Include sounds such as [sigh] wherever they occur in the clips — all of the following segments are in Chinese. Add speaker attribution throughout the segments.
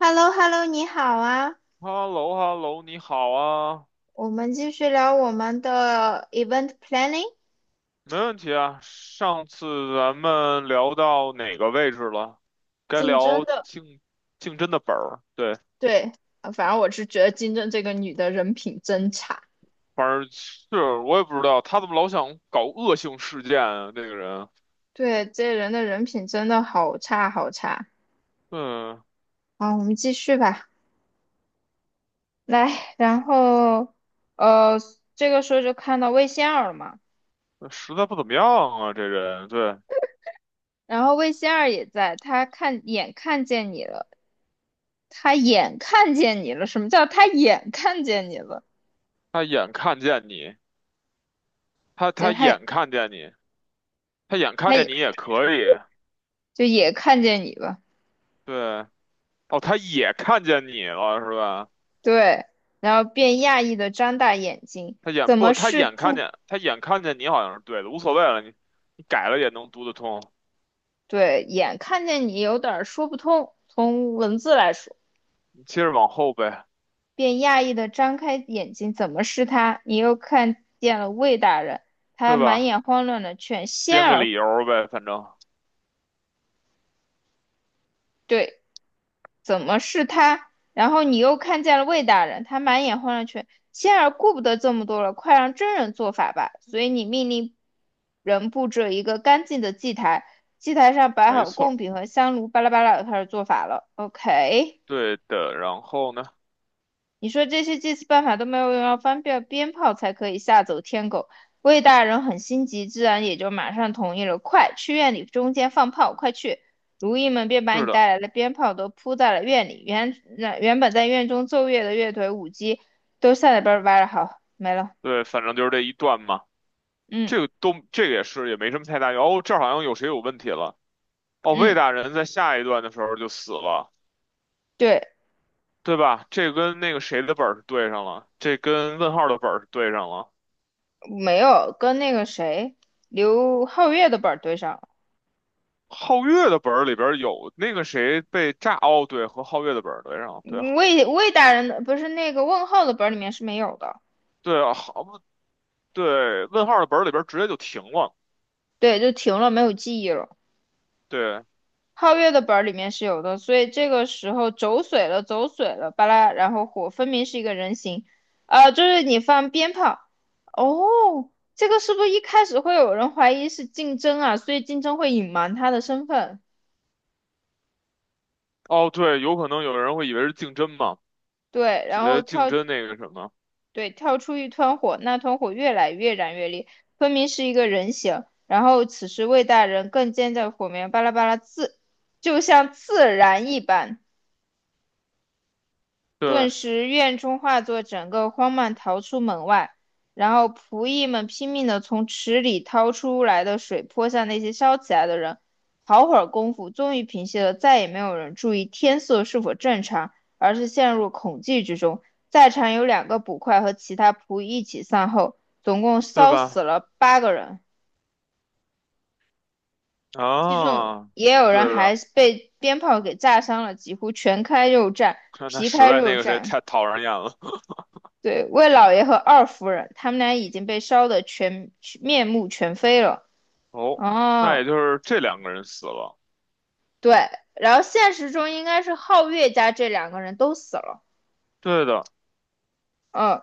Speaker 1: h e l l o h e l l o 你好啊，
Speaker 2: h e l l o h e l l o 你好啊，
Speaker 1: 我们继续聊我们的 event planning
Speaker 2: 没问题啊。上次咱们聊到哪个位置了？该
Speaker 1: 竞争
Speaker 2: 聊
Speaker 1: 的。
Speaker 2: 竞争的本儿，对，
Speaker 1: 对，反正我是觉得竞争这个女的人品真差，
Speaker 2: 反正是我也不知道他怎么老想搞恶性事件啊，这个人，
Speaker 1: 对，这人的人品真的好差好差。
Speaker 2: 嗯，
Speaker 1: 好，我们继续吧。来，然后呃，这个时候就看到魏仙儿了嘛，
Speaker 2: 实在不怎么样啊，这人，对，
Speaker 1: 然后魏仙儿也在，她看眼看见你了，她眼看见你了，什么叫她眼看见你了？
Speaker 2: 他眼看见你，他
Speaker 1: 就是
Speaker 2: 他
Speaker 1: 她
Speaker 2: 眼看见你，他眼看
Speaker 1: 她也
Speaker 2: 见你也可以，
Speaker 1: 就也看见你了。
Speaker 2: 对，哦，他也看见你了，是吧？
Speaker 1: 对，然后便讶异的张大眼睛，
Speaker 2: 他眼
Speaker 1: 怎么
Speaker 2: 不，他
Speaker 1: 是
Speaker 2: 眼看
Speaker 1: 他？
Speaker 2: 见，他眼看见你好像是对的，无所谓了，你改了也能读得通，
Speaker 1: 对，眼看见你有点儿说不通，从文字来说，
Speaker 2: 你接着往后呗，
Speaker 1: 便讶异的张开眼睛，怎么是他？你又看见了魏大人，他
Speaker 2: 对
Speaker 1: 满
Speaker 2: 吧？
Speaker 1: 眼慌乱的劝仙
Speaker 2: 编个
Speaker 1: 儿，
Speaker 2: 理由儿呗，反正
Speaker 1: 对，怎么是他？然后你又看见了魏大人，他满眼混乱却，仙儿顾不得这么多了，快让真人做法吧。所以你命令人布置一个干净的祭台，祭台上摆
Speaker 2: 没
Speaker 1: 好
Speaker 2: 错儿
Speaker 1: 贡品和香炉，巴拉巴拉，开始做法了。OK。
Speaker 2: 对的。然后呢，
Speaker 1: 你说这些祭祀办法都没有用，要翻遍鞭炮才可以吓走天狗。魏大人很心急，自然也就马上同意了。快去院里中间放炮，快去！如役们便把
Speaker 2: 是
Speaker 1: 你
Speaker 2: 的，
Speaker 1: 带来的鞭炮都铺在了院里。原本在院中奏乐的乐队、舞姬都下来边儿歪了，好，没了。
Speaker 2: 对，反正就是这一段嘛。
Speaker 1: 嗯
Speaker 2: 这个都这个也是也没什么太大用。哦，这儿好像有谁有问题了。哦，魏
Speaker 1: 嗯，
Speaker 2: 大人在下一段的时候就死了，
Speaker 1: 对，
Speaker 2: 对吧？这跟那个谁的本儿是对上了，这跟问号的本儿是对上了。
Speaker 1: 没有跟那个谁刘皓月的本儿对上了。
Speaker 2: 皓月的本儿里边儿有那个谁被炸，哦，对，和皓月的本儿对上了，对，
Speaker 1: 魏大人的不是那个问号的本儿里面是没有的，
Speaker 2: 对啊，好不对，问号的本儿里边儿直接就停了。
Speaker 1: 对，就停了，没有记忆了。
Speaker 2: 对，
Speaker 1: 皓月的本儿里面是有的，所以这个时候走水了，走水了，巴拉，然后火分明是一个人形，就是你放鞭炮，哦，这个是不是一开始会有人怀疑是竞争啊？所以竞争会隐瞒他的身份，
Speaker 2: 哦对，有可能有人会以为是竞争嘛，
Speaker 1: 对，
Speaker 2: 觉
Speaker 1: 然后
Speaker 2: 得竞
Speaker 1: 跳，
Speaker 2: 争那个什么，
Speaker 1: 对，跳出一团火，那团火越来越燃越烈，分明是一个人形，然后此时魏大人更见在火苗巴拉巴拉自，就像自燃一般。
Speaker 2: 对
Speaker 1: 顿时院中化作整个荒乱逃出门外，然后仆役们拼命地从池里掏出来的水泼向那些烧起来的人。好会儿功夫，终于平息了，再也没有人注意天色是否正常，而是陷入恐惧之中。在场有两个捕快和其他仆役一起散后，总共
Speaker 2: 对
Speaker 1: 烧死
Speaker 2: 吧？
Speaker 1: 了八个人，其中
Speaker 2: 啊，
Speaker 1: 也有人
Speaker 2: 对
Speaker 1: 还
Speaker 2: 的，
Speaker 1: 被鞭炮给炸伤了，几乎全开肉绽，
Speaker 2: 看他
Speaker 1: 皮
Speaker 2: 实
Speaker 1: 开
Speaker 2: 在
Speaker 1: 肉
Speaker 2: 那个谁
Speaker 1: 绽。
Speaker 2: 太讨人厌了。[laughs]
Speaker 1: 对，魏老爷和二夫人，他们俩已经被烧得全面目全非了。
Speaker 2: 哦，那也
Speaker 1: 哦，
Speaker 2: 就是这两个人死了。
Speaker 1: 对，然后现实中应该是皓月家这两个人都死了。
Speaker 2: 对的，
Speaker 1: 嗯，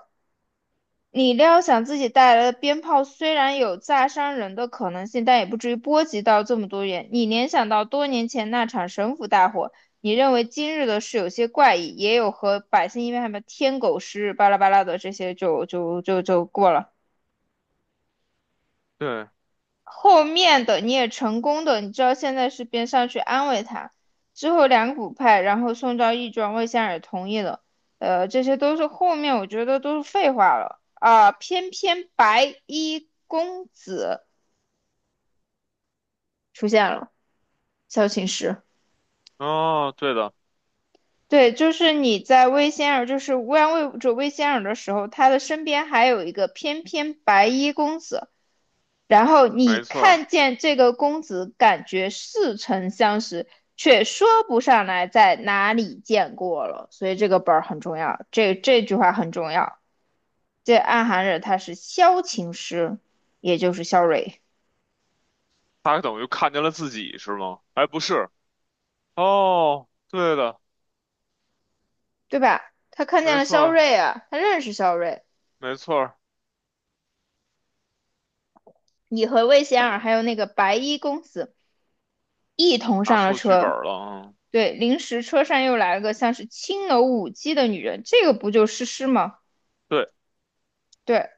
Speaker 1: 你料想自己带来的鞭炮虽然有炸伤人的可能性，但也不至于波及到这么多人。你联想到多年前那场神府大火，你认为今日的事有些怪异，也有和百姓因为什么天狗食日巴拉巴拉的这些就过了。
Speaker 2: 对，
Speaker 1: 后面的你也成功的，你知道现在是边上去安慰他。之后两股派，然后宋昭义庄魏仙儿也同意了，这些都是后面我觉得都是废话了啊、偏偏白衣公子出现了，萧琴师。
Speaker 2: 哦，对的，
Speaker 1: 对，就是你在魏仙儿，就是乌泱卫者魏仙儿的时候，他的身边还有一个翩翩白衣公子，然后你
Speaker 2: 没错儿，
Speaker 1: 看见这个公子，感觉似曾相识，却说不上来在哪里见过了。所以这个本儿很重要，这句话很重要。这暗含着他是萧琴师，也就是萧睿，
Speaker 2: 他等于看见了自己是吗？哎，不是，哦，对的，
Speaker 1: 对吧？他看见
Speaker 2: 没
Speaker 1: 了
Speaker 2: 错
Speaker 1: 萧
Speaker 2: 儿，
Speaker 1: 睿啊，他认识萧睿。
Speaker 2: 没错儿，
Speaker 1: 你和魏贤儿还有那个白衣公子一同
Speaker 2: 拿
Speaker 1: 上了
Speaker 2: 错剧本
Speaker 1: 车。
Speaker 2: 儿了，嗯，
Speaker 1: 对，临时车上又来了个像是青楼舞姬的女人，这个不就诗诗吗？
Speaker 2: 对，
Speaker 1: 对，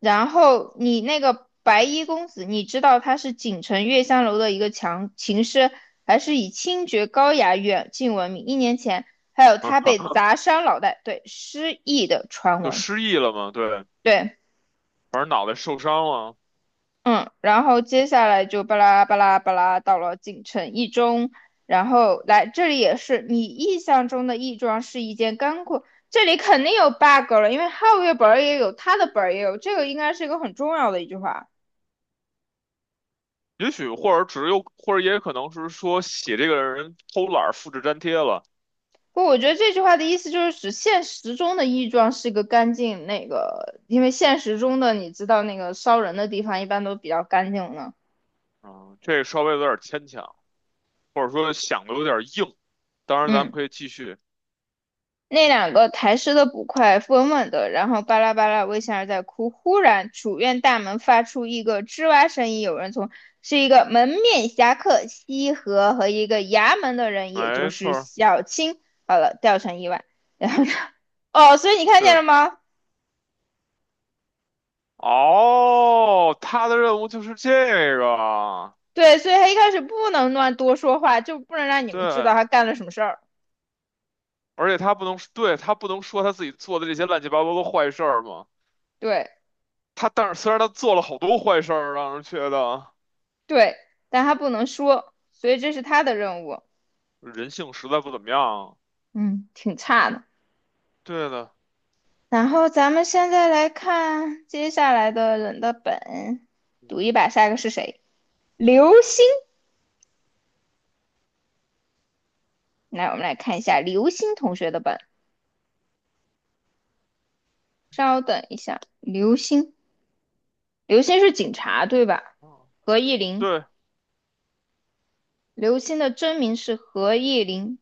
Speaker 1: 然后你那个白衣公子，你知道他是锦城月香楼的一个强琴师，还是以清绝高雅远近闻名。一年前还有他被
Speaker 2: [laughs]
Speaker 1: 砸伤脑袋，对，失忆的传
Speaker 2: 就
Speaker 1: 闻，
Speaker 2: 失忆了嘛，对，
Speaker 1: 对，
Speaker 2: 反正脑袋受伤了，
Speaker 1: 嗯，然后接下来就巴拉巴拉巴拉到了锦城一中，然后来这里也是你印象中的义庄是一件干货，这里肯定有 bug 了，因为皓月本儿也有，他的本儿也有，这个应该是一个很重要的一句话。
Speaker 2: 也许或者只有，或者也可能是说写这个人偷懒儿复制粘贴了，
Speaker 1: 不，我觉得这句话的意思就是指现实中的亦庄是个干净那个，因为现实中的你知道那个烧人的地方一般都比较干净呢。
Speaker 2: 嗯，这个稍微有点牵强，或者说想的有点硬。当然，咱们
Speaker 1: 嗯，
Speaker 2: 可以继续，
Speaker 1: 那两个抬尸的捕快稳稳的，然后巴拉巴拉微笑着在哭。忽然，主院大门发出一个吱哇声音，有人从是一个门面侠客西河和一个衙门的人，也就
Speaker 2: 没错
Speaker 1: 是
Speaker 2: 儿
Speaker 1: 小青。好了，掉成意外。[laughs] 然后呢？哦，所以你看见
Speaker 2: 对，
Speaker 1: 了吗？
Speaker 2: 哦，他的任务就是这个，
Speaker 1: 对，所以他一开始不能乱多说话，就不能让你们知道
Speaker 2: 对，
Speaker 1: 他干了什么事儿。
Speaker 2: 而且他不能，对，他不能说他自己做的这些乱七八糟的坏事儿嘛，
Speaker 1: 对
Speaker 2: 他但是虽然他做了好多坏事儿，让人觉得
Speaker 1: 对，但他不能说，所以这是他的任务。
Speaker 2: 人性实在不怎么样，
Speaker 1: 嗯，挺差的。
Speaker 2: 对的。
Speaker 1: 然后咱们现在来看接下来的人的本，赌一
Speaker 2: 嗯
Speaker 1: 把下一个是谁？刘星。来，我们来看一下刘星同学的本。稍等一下，刘星，刘星是警察对吧？
Speaker 2: 哦，
Speaker 1: 何意林，
Speaker 2: 对，
Speaker 1: 刘星的真名是何意林，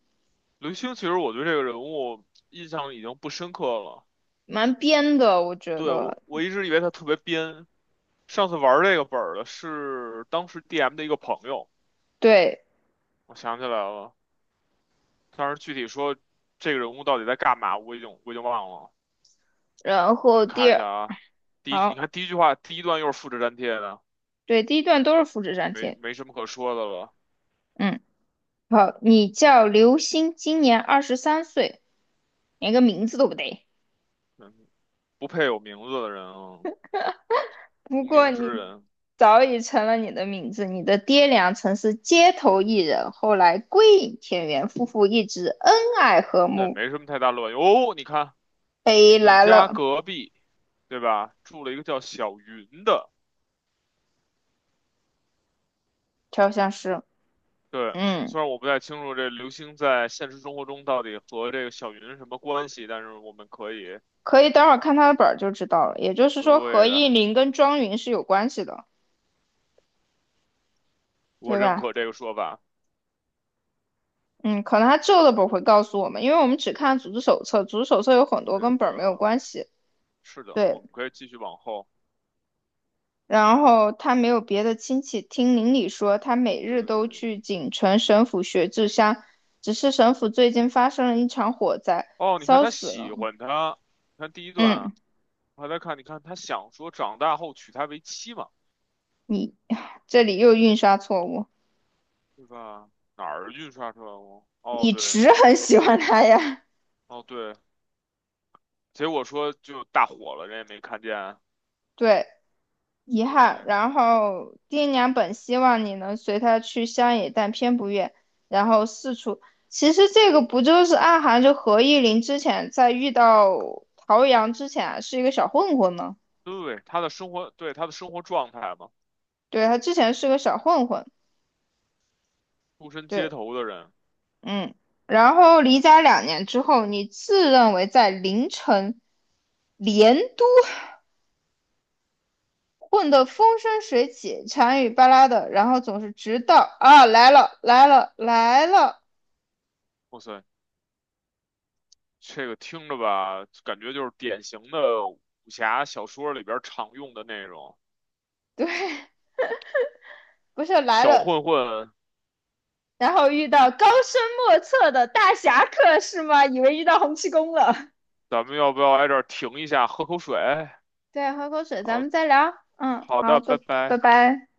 Speaker 2: 刘星，其实我对这个人物印象已经不深刻了。
Speaker 1: 蛮编的，我觉
Speaker 2: 对，我，
Speaker 1: 得。
Speaker 2: 我一直以为他特别编。上次玩这个本儿的是当时 DM 的一个朋友，
Speaker 1: 对，
Speaker 2: 我想起来了。但是具体说这个人物到底在干嘛，我已经忘了。
Speaker 1: 然
Speaker 2: 咱
Speaker 1: 后
Speaker 2: 们
Speaker 1: 第
Speaker 2: 看一
Speaker 1: 二，
Speaker 2: 下啊，第一句你
Speaker 1: 好，
Speaker 2: 看第一句话，第一段又是复制粘贴的，
Speaker 1: 对，第一段都是复制粘
Speaker 2: 没
Speaker 1: 贴。
Speaker 2: 没什么可说的了。
Speaker 1: 嗯，好，你叫刘星，今年二十三岁，连个名字都不对，
Speaker 2: 嗯，不配有名字的人啊，
Speaker 1: 不
Speaker 2: 无
Speaker 1: 过
Speaker 2: 名之
Speaker 1: 你
Speaker 2: 人，
Speaker 1: 早已成了你的名字。你的爹娘曾是街头艺人，后来归隐田园，夫妇一直恩爱和
Speaker 2: 这也
Speaker 1: 睦。
Speaker 2: 没什么太大卵用。哦，你看。
Speaker 1: 北
Speaker 2: 你
Speaker 1: 来
Speaker 2: 家
Speaker 1: 了，
Speaker 2: 隔壁，对吧？住了一个叫小云的，
Speaker 1: 调香师。
Speaker 2: 对。
Speaker 1: 嗯，
Speaker 2: 虽然我不太清楚这刘星在现实生活中到底和这个小云什么关系，但是我们可以，
Speaker 1: 可以等会儿看他的本儿就知道了。也就是说，何
Speaker 2: 对
Speaker 1: 应
Speaker 2: 的，
Speaker 1: 麟跟庄云是有关系的，
Speaker 2: 我
Speaker 1: 对
Speaker 2: 认
Speaker 1: 吧？
Speaker 2: 可这个说法。
Speaker 1: 嗯，可能他旧的本儿会告诉我们，因为我们只看组织手册，组织手册有很多
Speaker 2: 对
Speaker 1: 跟本儿没有
Speaker 2: 的，
Speaker 1: 关系。
Speaker 2: 是的，我
Speaker 1: 对，
Speaker 2: 们可以继续往后。
Speaker 1: 然后他没有别的亲戚，听邻里说他每日都
Speaker 2: 对，
Speaker 1: 去锦城神府学治伤。只是神府最近发生了一场火灾，
Speaker 2: 哦，你看
Speaker 1: 烧
Speaker 2: 他
Speaker 1: 死
Speaker 2: 喜
Speaker 1: 了。
Speaker 2: 欢他，你看第一段
Speaker 1: 嗯，
Speaker 2: 啊，我还在看，你看他想说长大后娶她为妻嘛，
Speaker 1: 你 [sighs] 这里又印刷错误，
Speaker 2: 对吧？哪儿印刷出来了？哦，
Speaker 1: 你
Speaker 2: 对，
Speaker 1: 只很喜
Speaker 2: 一
Speaker 1: 欢他
Speaker 2: 志，
Speaker 1: 呀？
Speaker 2: 哦，对。结果说就大火了，人也没看见啊。
Speaker 1: [laughs] 对，遗憾。
Speaker 2: 嗯
Speaker 1: 然后爹娘本希望你能随他去乡野，但偏不愿，然后四处。其实这个不就是暗含着何意林之前在遇到陶阳之前啊是一个小混混吗？
Speaker 2: 对对，他的生活，对他的生活状态嘛，
Speaker 1: 对，他之前是个小混混。
Speaker 2: 出身街
Speaker 1: 对，
Speaker 2: 头的人，
Speaker 1: 嗯。然后离家两年之后，你自认为在凌晨连都混得风生水起、馋与巴拉的，然后总是直到啊来了来了来了，
Speaker 2: 哇塞，这个听着吧，感觉就是典型的武侠小说里边常用的内容。
Speaker 1: 对，不是来
Speaker 2: 小
Speaker 1: 了
Speaker 2: 混混，
Speaker 1: 然后遇到高深莫测的大侠客是吗？以为遇到洪七公了。
Speaker 2: 咱们要不要挨这儿停一下，喝口水？
Speaker 1: 对，喝口水，咱
Speaker 2: 好
Speaker 1: 们再聊。嗯，
Speaker 2: 好的，
Speaker 1: 好，拜
Speaker 2: 拜
Speaker 1: 拜
Speaker 2: 拜。
Speaker 1: 拜。